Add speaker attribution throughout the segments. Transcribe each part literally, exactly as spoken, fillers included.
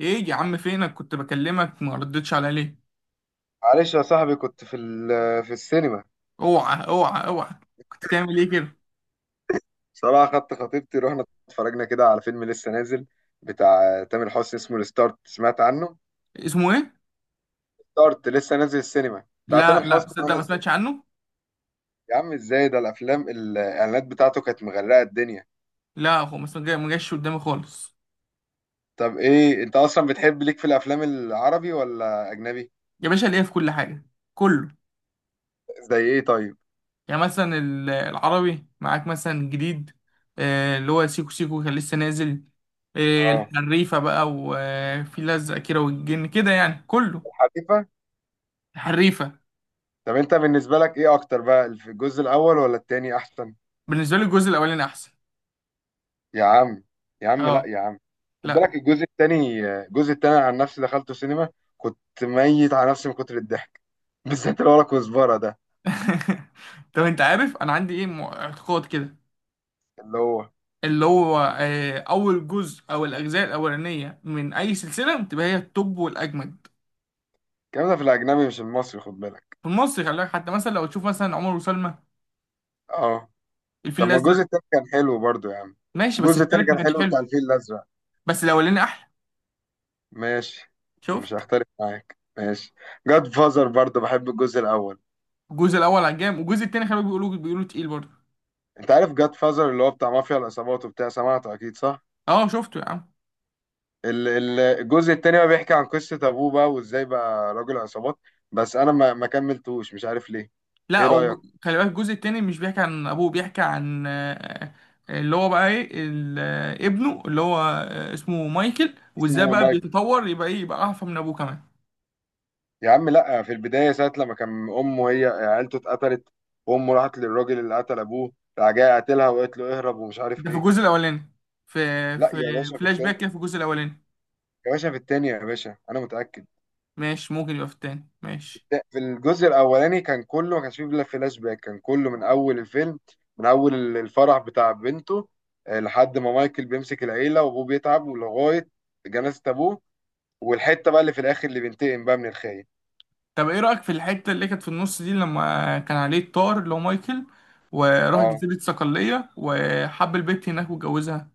Speaker 1: ايه يا عم، فينك؟ كنت بكلمك ما ردتش عليا ليه؟
Speaker 2: معلش يا صاحبي، كنت في ال- في السينما.
Speaker 1: اوعى اوعى اوعى! كنت بتعمل ايه كده؟
Speaker 2: صراحة خدت خطيبتي، رحنا اتفرجنا كده على فيلم لسه نازل بتاع تامر حسني اسمه الستارت، سمعت عنه؟
Speaker 1: اسمه ايه؟
Speaker 2: ستارت لسه نازل السينما بتاع تامر
Speaker 1: لا لا،
Speaker 2: حسني،
Speaker 1: صدق
Speaker 2: وانا
Speaker 1: ما
Speaker 2: ازاي؟
Speaker 1: سمعتش عنه.
Speaker 2: يا عم ازاي؟ ده الافلام، الاعلانات بتاعته كانت مغرقة الدنيا.
Speaker 1: لا هو ما سمع- ما جاش قدامي خالص.
Speaker 2: طب ايه؟ انت اصلا بتحب ليك في الافلام العربي ولا اجنبي؟
Speaker 1: يا باشا، ليه في كل حاجه. كله.
Speaker 2: زي ايه طيب؟
Speaker 1: يعني مثلا ال- العربي معاك مثلا جديد. آه، اللي هو سيكو سيكو كان لسه نازل. آه،
Speaker 2: اه،
Speaker 1: الحريفه بقى، وفي لزق كده والجن كده، يعني كله.
Speaker 2: الحريفة.
Speaker 1: الحريفه.
Speaker 2: طب انت بالنسبة لك ايه اكتر بقى، الجزء الاول ولا التاني احسن؟
Speaker 1: بالنسبه لي الجزء الاولاني احسن.
Speaker 2: يا عم. يا عم لا
Speaker 1: اه.
Speaker 2: يا عم، خد
Speaker 1: لا.
Speaker 2: بالك الجزء التاني. الجزء التاني عن نفسي دخلته سينما، كنت ميت على نفسي من كتر الضحك بالذات اللي ورا كزبرة ده.
Speaker 1: طب انت عارف انا عندي ايه، مع- اعتقاد كده؟
Speaker 2: اللي هو
Speaker 1: اللي هو آه، اول جزء او الاجزاء الاولانيه من اي سلسله بتبقى هي التوب والاجمد.
Speaker 2: الكلام ده في الأجنبي مش المصري، خد بالك.
Speaker 1: في مصر، خلي بالك، حتى مثلا لو تشوف مثلا عمر وسلمى.
Speaker 2: اه.
Speaker 1: الفيل
Speaker 2: طب ما
Speaker 1: الازرق.
Speaker 2: الجزء التاني كان حلو برضو يا عم.
Speaker 1: ماشي، بس
Speaker 2: الجزء التاني
Speaker 1: التالت ما
Speaker 2: كان
Speaker 1: كانش
Speaker 2: حلو
Speaker 1: حلو.
Speaker 2: بتاع الفيل الأزرق.
Speaker 1: بس الاولاني احلى.
Speaker 2: ماشي. مش
Speaker 1: شفت؟
Speaker 2: هختلف معاك، ماشي. جاد فازر برضو بحب الجزء الأول.
Speaker 1: الجزء الاول عجبني، والجزء التاني خلي بالك، بيقولوا بيقولوا تقيل برضه.
Speaker 2: أنت عارف جاد فازر اللي هو بتاع مافيا العصابات وبتاع، سمعته أكيد صح؟
Speaker 1: اه، شفته يا عم.
Speaker 2: ال- ال- الجزء التاني بقى بيحكي عن قصة أبوه بقى، وإزاي بقى راجل عصابات. بس أنا ما ما كملتوش، مش عارف ليه.
Speaker 1: لا
Speaker 2: إيه
Speaker 1: هو
Speaker 2: رأيك؟
Speaker 1: ج- خلي بالك، الجزء التاني مش بيحكي عن ابوه، بيحكي عن آه، آه، اللي هو بقى ايه ال- آه، ابنه اللي هو آه، اسمه مايكل، وازاي
Speaker 2: اسمه
Speaker 1: بقى
Speaker 2: مايك.
Speaker 1: بيتطور يبقى ايه، يبقى اعفى من ابوه كمان.
Speaker 2: يا عم لأ، في البداية ساعة لما كان أمه هي عيلته اتقتلت، وأمه راحت للراجل اللي قتل أبوه، راح جاي قاتلها وقالت له اهرب ومش عارف
Speaker 1: ده في
Speaker 2: إيه.
Speaker 1: الجزء الاولاني، في
Speaker 2: لأ يا
Speaker 1: في
Speaker 2: باشا في
Speaker 1: فلاش
Speaker 2: التاني.
Speaker 1: باك كده في الجزء الاولاني.
Speaker 2: يا باشا في التاني، يا باشا أنا متأكد.
Speaker 1: ماشي، ممكن يبقى في التاني، ماشي.
Speaker 2: ده في الجزء الاولاني كان كله، ما كانش فيه الا فلاش باك، كان كله من اول الفيلم، من اول ال- الفرح بتاع بنته، آه، لحد ما مايكل بيمسك العيله وابوه بيتعب، ولغايه جنازه ابوه، والحته بقى اللي في الاخر اللي بينتقم بقى من الخاين.
Speaker 1: طب ايه رايك في الحته اللي كانت في النص دي، لما كان عليه الطار اللي هو مايكل وراح
Speaker 2: اه.
Speaker 1: جزيره صقليه وحب البت هناك واتجوزها؟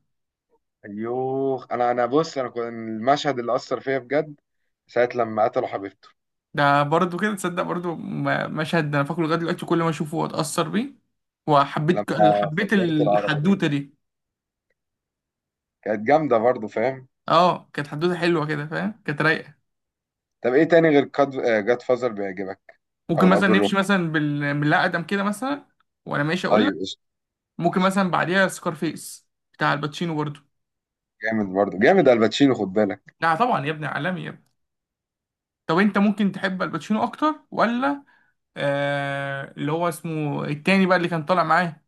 Speaker 2: ايوه، انا انا بص، انا كنت المشهد اللي اثر فيا بجد ساعه لما قتلوا حبيبته،
Speaker 1: ده برضه كده، تصدق برضه م- مشهد ده انا فاكره لغايه دلوقتي، كل ما اشوفه اتاثر بيه. وحبيت ك-
Speaker 2: لما
Speaker 1: حبيت
Speaker 2: فجرت العربيه،
Speaker 1: الحدوته دي.
Speaker 2: كانت جامده برضو، فاهم؟
Speaker 1: اه، كانت حدوته حلوه كده، فاهم؟ كانت رايقه.
Speaker 2: طب ايه تاني غير جاد فازر بيعجبك؟
Speaker 1: ممكن
Speaker 2: او
Speaker 1: مثلا
Speaker 2: الاب
Speaker 1: نمشي
Speaker 2: الروحي؟
Speaker 1: مثلا بال... بالله ادم كده مثلا. وانا ماشي اقول،
Speaker 2: طيب قشطه.
Speaker 1: ممكن
Speaker 2: قشطة.
Speaker 1: مثلا بعديها سكارفيس، بتاع الباتشينو برضو.
Speaker 2: جامد برضو، جامد الباتشينو، خد بالك.
Speaker 1: لا طبعا يا ابني، عالمي يا ابني. طب انت ممكن تحب الباتشينو اكتر ولا آه اللي هو اسمه التاني بقى، اللي كان طالع معاه،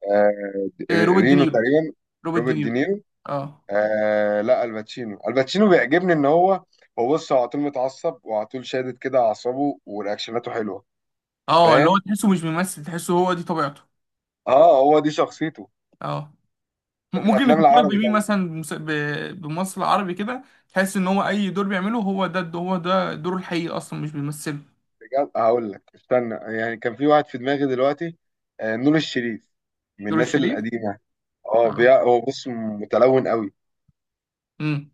Speaker 2: آه،
Speaker 1: آه روبرت
Speaker 2: رينو
Speaker 1: دينيرو؟
Speaker 2: تقريبا.
Speaker 1: روبرت
Speaker 2: روبرت
Speaker 1: دينيرو.
Speaker 2: دينيرو.
Speaker 1: اه.
Speaker 2: آه لا، الباتشينو، الباتشينو بيعجبني ان هو، هو بص، هو على طول متعصب وعلى طول شادد كده اعصابه، ورياكشناته حلوه،
Speaker 1: اه، اللي هو
Speaker 2: فاهم.
Speaker 1: تحسه مش بيمثل، تحسه هو دي طبيعته.
Speaker 2: اه، هو دي شخصيته.
Speaker 1: اه. م-
Speaker 2: طب
Speaker 1: ممكن
Speaker 2: الافلام
Speaker 1: نفكرك
Speaker 2: العربي
Speaker 1: بمين
Speaker 2: طيب؟
Speaker 1: مثلا، بمس- ب- بممثل عربي كده، تحس ان هو اي دور بيعمله هو ده هو ده دوره الحقيقي اصلا مش بيمثله؟
Speaker 2: بجد هقول لك، استنى يعني، كان في واحد في دماغي دلوقتي. آه، نور الشريف. من
Speaker 1: دور
Speaker 2: الناس
Speaker 1: الشريف.
Speaker 2: القديمه. اه،
Speaker 1: اه.
Speaker 2: بيع... هو بص متلون قوي،
Speaker 1: امم.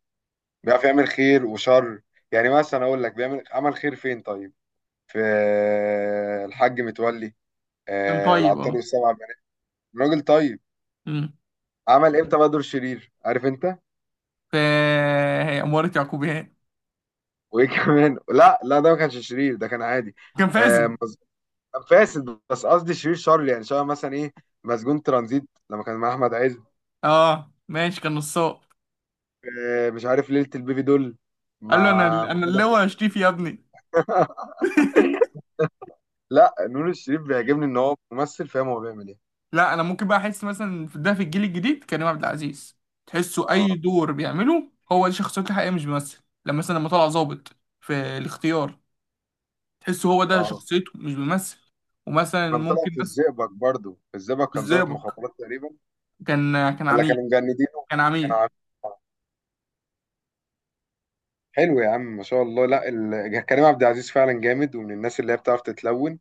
Speaker 2: بيعرف يعمل خير وشر. يعني مثلا اقول لك بيعمل عمل خير فين طيب؟ في آه، الحاج متولي،
Speaker 1: كان
Speaker 2: آه،
Speaker 1: طيب،
Speaker 2: العطار
Speaker 1: اه.
Speaker 2: والسبع بنات، الراجل طيب.
Speaker 1: امم.
Speaker 2: عمل امتى بقى دور شرير، عارف انت؟
Speaker 1: ف هي أمارة يعقوبيان.
Speaker 2: وايه كمان؟ لا لا، ده ما كانش شرير، ده كان عادي.
Speaker 1: كان فاسد.
Speaker 2: آه مز... كان فاسد، بس قصدي شرير شر يعني، شبه مثلا ايه، مسجون ترانزيت، لما كان مع احمد عز.
Speaker 1: اه، ماشي، كان نصاب.
Speaker 2: آه، مش عارف، ليلة البيبي دول
Speaker 1: قال له انا
Speaker 2: مع
Speaker 1: انا
Speaker 2: محمود
Speaker 1: اللي
Speaker 2: عبد.
Speaker 1: هو هشتيفي يا ابني.
Speaker 2: لا، نور الشريف بيعجبني ان هو ممثل، فاهم هو بيعمل ايه.
Speaker 1: لا انا ممكن بقى احس مثلا في ده، في الجيل الجديد، كريم عبد العزيز. تحسه اي
Speaker 2: اه،
Speaker 1: دور بيعمله هو دي شخصيته الحقيقيه مش بيمثل، لما مثلا لما طلع ظابط في الاختيار. تحسه هو ده
Speaker 2: اه.
Speaker 1: شخصيته، مش بيمثل. ومثلا
Speaker 2: وكان طلع
Speaker 1: ممكن
Speaker 2: في
Speaker 1: مثلا
Speaker 2: الزئبق برضو، في الزئبق كان ضابط
Speaker 1: الزئبق،
Speaker 2: مخابرات تقريبا.
Speaker 1: كان كان
Speaker 2: ولا
Speaker 1: عميل،
Speaker 2: كانوا مجندينه؟
Speaker 1: كان
Speaker 2: كانوا
Speaker 1: عميل.
Speaker 2: عارفين. حلو يا عم، ما شاء الله. لا ال... كريم عبد العزيز فعلا جامد، ومن الناس اللي هي بتعرف تتلون.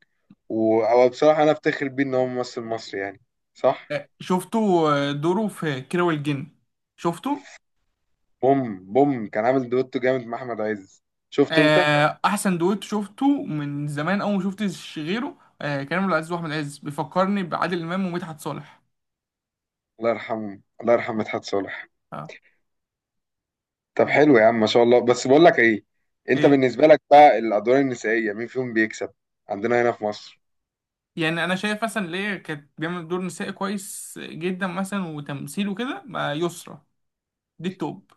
Speaker 2: و... أو بصراحة أنا أفتخر بيه إن هو ممثل مصري يعني. صح.
Speaker 1: آه، شفته. آه، دوره في كيرة والجن، شفته.
Speaker 2: بوم بوم كان عامل دويتو جامد مع أحمد عز. شفته أنت؟
Speaker 1: آه، احسن دويتو شفته من زمان، اول ما شفتش غيره. آه، كريم عبد العزيز واحمد عز بيفكرني بعادل امام ومدحت صالح.
Speaker 2: الله يرحمه، الله يرحم مدحت صالح.
Speaker 1: اه.
Speaker 2: طب حلو يا عم، ما شاء الله، بس بقول لك إيه، أنت
Speaker 1: ايه؟
Speaker 2: بالنسبة لك بقى الأدوار النسائية مين فيهم بيكسب؟ عندنا هنا في مصر.
Speaker 1: يعني انا شايف مثلا، ليه كانت بيعمل دور نسائي كويس جدا مثلا وتمثيل وكده، مع يسرا. دي التوب.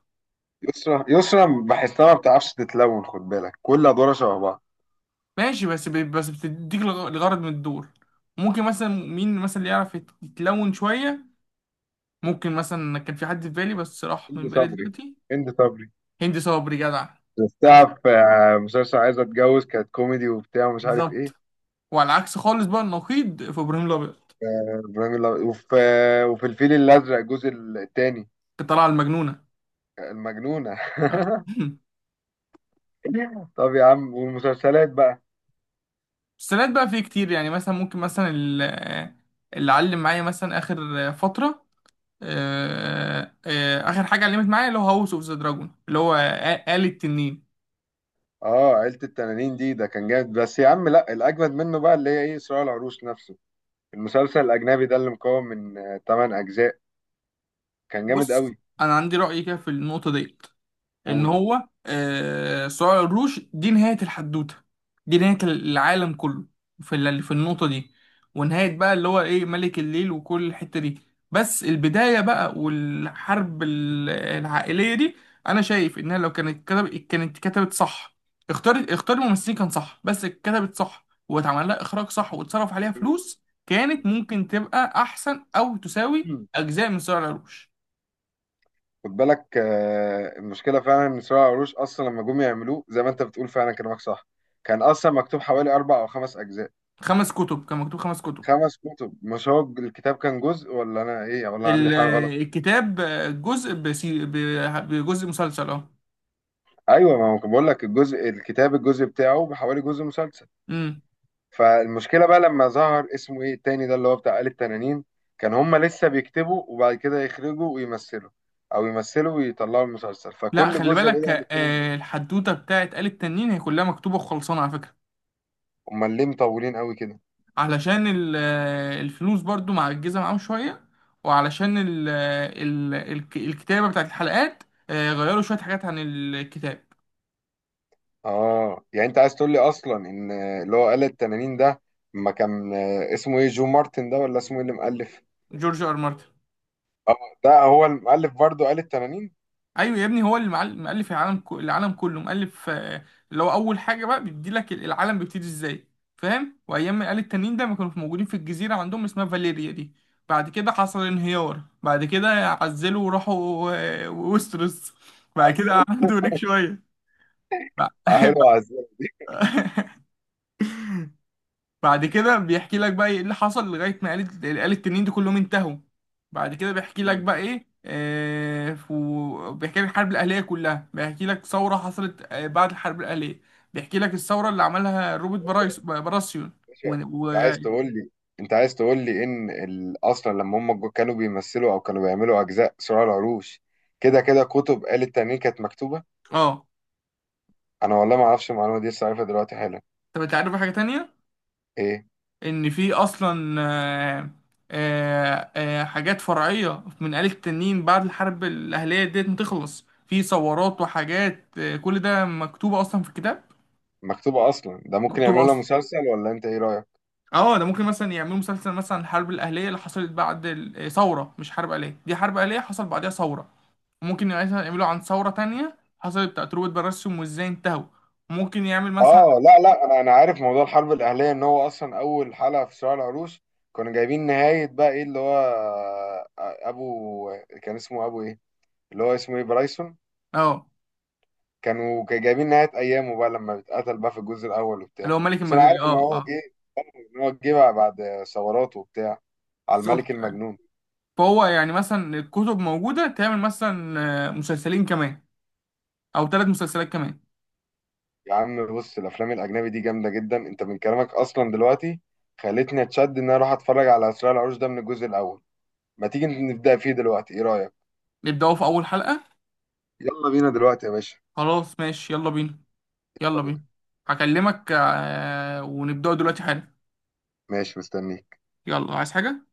Speaker 2: يسرا. يسرا بحسها ما بتعرفش تتلون، خد بالك، كل أدوارها شبه بعض.
Speaker 1: ماشي، بس ب- بس بتديك الغ- الغرض من الدور. ممكن مثلا مين مثلا اللي يعرف يت- يتلون شويه؟ ممكن مثلا كان في حد في بالي بس راح
Speaker 2: هند
Speaker 1: من بالي
Speaker 2: صبري.
Speaker 1: دلوقتي.
Speaker 2: هند صبري.
Speaker 1: هندي صبري جدع. جدع.
Speaker 2: شفتها في آه، مسلسل عايز اتجوز، كانت كوميدي وبتاع ومش عارف ايه.
Speaker 1: بالظبط. وعلى العكس خالص بقى، النقيض في ابراهيم الابيض.
Speaker 2: آه، ابراهيم الأبيض. وفي آه، وفي الفيل الازرق الجزء الثاني.
Speaker 1: الطلعة المجنونة.
Speaker 2: المجنونه
Speaker 1: اه.
Speaker 2: طب يا عم، والمسلسلات بقى؟
Speaker 1: السنات بقى فيه كتير، يعني مثلا ممكن مثلا ال- اللي علم معايا مثلا آخر فترة، آه، آه، آخر حاجة علمت معايا اللي هو هاوس اوف ذا دراجون، اللي هو آ- آلة التنين.
Speaker 2: اه، عيله التنانين دي، ده كان جامد، بس يا عم لا، الاجمد منه بقى اللي هي ايه، صراع العروش نفسه، المسلسل الاجنبي ده اللي مكون من 8 اجزاء، كان جامد
Speaker 1: بص،
Speaker 2: قوي.
Speaker 1: أنا عندي رأي كده في النقطة ديت. ان
Speaker 2: قول.
Speaker 1: هو آه، صراع العروش دي نهاية الحدوتة، دي نهاية العالم كله، في ال- في النقطة دي. ونهاية بقى اللي هو ايه، ملك الليل وكل الحتة دي. بس البداية بقى، والحرب ال- العائلية دي، انا شايف انها لو كانت كتب كانت كتبت صح. اختار اختار الممثلين كان صح، بس اتكتبت صح واتعمل لها اخراج صح واتصرف عليها فلوس، كانت ممكن تبقى احسن او تساوي اجزاء من صراع العروش.
Speaker 2: خد بالك، آه، المشكله فعلا ان سرايا قروش اصلا لما جم يعملوه زي ما انت بتقول فعلا كلامك صح. كان اصلا مكتوب حوالي اربع او خمس اجزاء.
Speaker 1: خمس كتب، كان مكتوب خمس كتب.
Speaker 2: خمس كتب، مش هو الكتاب كان جزء، ولا انا ايه، ولا عندي
Speaker 1: ال-
Speaker 2: حاجه غلط؟
Speaker 1: الكتاب، جزء بسي... ب- بجزء مسلسل، اه.
Speaker 2: ايوه، ما هو كان بقول لك، الجزء الكتاب الجزء بتاعه بحوالي جزء مسلسل.
Speaker 1: امم.
Speaker 2: فالمشكله بقى لما ظهر اسمه ايه التاني ده اللي هو بتاع آل التنانين، كان هما لسه بيكتبوا وبعد كده يخرجوا ويمثلوا، او يمثلوا ويطلعوا المسلسل
Speaker 1: لا،
Speaker 2: فكل
Speaker 1: خلي
Speaker 2: جزء
Speaker 1: بالك،
Speaker 2: بدل التاني.
Speaker 1: آه، الحدوته بتاعت آل التنين هي كلها مكتوبه وخلصانه على فكره.
Speaker 2: امال ليه مطولين قوي كده؟
Speaker 1: علشان ال- آه، الفلوس برضو معجزه معاهم شويه، وعلشان ال... آه، ال... الك- الكتابه بتاعت الحلقات، آه، غيروا شويه حاجات عن الكتاب.
Speaker 2: اه، يعني انت عايز تقول لي اصلا ان اللي هو آلة التنانين ده، ما كان اسمه ايه، جو مارتن ده، ولا اسمه ايه اللي مؤلف.
Speaker 1: جورج ار مارتن.
Speaker 2: اه. ده هو المؤلف برضه آلة التنانين.
Speaker 1: ايوه يا ابني، هو اللي معل- مؤلف العالم كو- العالم كله، مؤلف آه، اللي هو اول حاجه بقى، بيدي لك العالم بيبتدي ازاي. فاهم؟ وايام ما قال التانيين ده ما كانوا موجودين في الجزيره عندهم اسمها فاليريا دي. بعد كده حصل انهيار، بعد كده عزلوا وراحوا آه، ويستروس. بعد كده قعدوا هناك شويه، بع-
Speaker 2: اه، حلو عزيز.
Speaker 1: بعد كده بيحكي لك بقى ايه اللي حصل، لغاية ما آلة آلة التنين دي كلهم انتهوا. بعد كده بيحكي لك
Speaker 2: مم.
Speaker 1: بقى ايه، آه فو- بيحكي لك الحرب الأهلية كلها، بيحكي لك ثورة حصلت آه بعد الحرب الأهلية، بيحكي لك الثورة اللي عملها روبرت
Speaker 2: باشا.
Speaker 1: برايس براسيون.
Speaker 2: باشا
Speaker 1: و...
Speaker 2: انت
Speaker 1: و...
Speaker 2: عايز تقول لي، انت عايز تقول لي ان ال... اصلا لما هم جو- كانوا بيمثلوا او كانوا بيعملوا اجزاء صراع العروش، كده كده كتب آلة التنانين كانت مكتوبة.
Speaker 1: اه.
Speaker 2: انا والله ما اعرفش المعلومة دي، لسه عارفها دلوقتي حالا.
Speaker 1: طب انت عارف حاجة تانية؟
Speaker 2: ايه؟
Speaker 1: ان في اصلا آه آه آه حاجات فرعية من آلة التنين بعد الحرب الأهلية ديت، ما تخلص في ثورات وحاجات، آه كل ده مكتوبة اصلا في الكتاب.
Speaker 2: مكتوبة اصلا، ده ممكن
Speaker 1: مكتوبة
Speaker 2: يعملوا لها
Speaker 1: اصلا.
Speaker 2: مسلسل ولا انت ايه رأيك؟
Speaker 1: اه، ده ممكن مثلا يعملوا مسلسل مثلا عن الحرب الأهلية اللي حصلت بعد ال- آه، ثورة، مش حرب أهلية، دي حرب أهلية حصل بعدها ثورة. ممكن مثلا يعملوا عن ثورة تانية حصلت بتاعت روبرت براسيوم، وازاي انتهوا. ممكن يعمل مثلا.
Speaker 2: اه لا لا، انا انا عارف موضوع الحرب الاهليه، ان هو اصلا اول حلقه في صراع العروش كانوا جايبين نهايه بقى ايه اللي هو آه، آه، ابو، كان اسمه ابو ايه، اللي هو اسمه ايه برايسون،
Speaker 1: اه،
Speaker 2: كانوا كانوا جايبين نهايه ايامه بقى لما اتقتل بقى في الجزء الاول
Speaker 1: اللي
Speaker 2: وبتاع.
Speaker 1: هو ملك
Speaker 2: بس انا
Speaker 1: المجال،
Speaker 2: عارف ان
Speaker 1: اه
Speaker 2: هو
Speaker 1: اه.
Speaker 2: جه، ان هو جه بقى بعد ثورات وبتاع، على الملك
Speaker 1: بالظبط.
Speaker 2: المجنون.
Speaker 1: فهو يعني مثلا الكتب موجودة، تعمل مثلا آه، مسلسلين كمان أو ثلاث مسلسلات كمان.
Speaker 2: يا عم بص، الافلام الاجنبي دي جامده جدا، انت من كلامك اصلا دلوقتي خلتني اتشد ان انا اروح اتفرج على صراع العروش ده من الجزء الاول. ما تيجي نبدا فيه دلوقتي، ايه رايك؟
Speaker 1: نبدأوا في أول حلقة.
Speaker 2: يلا بينا دلوقتي يا باشا.
Speaker 1: خلاص، ماشي، يلا بينا.
Speaker 2: يلا
Speaker 1: يلا بينا.
Speaker 2: بينا.
Speaker 1: هكلمك، آه، ونبدأوا دلوقتي حالا.
Speaker 2: ماشي، مستنيك.
Speaker 1: يلا، عايز حاجة؟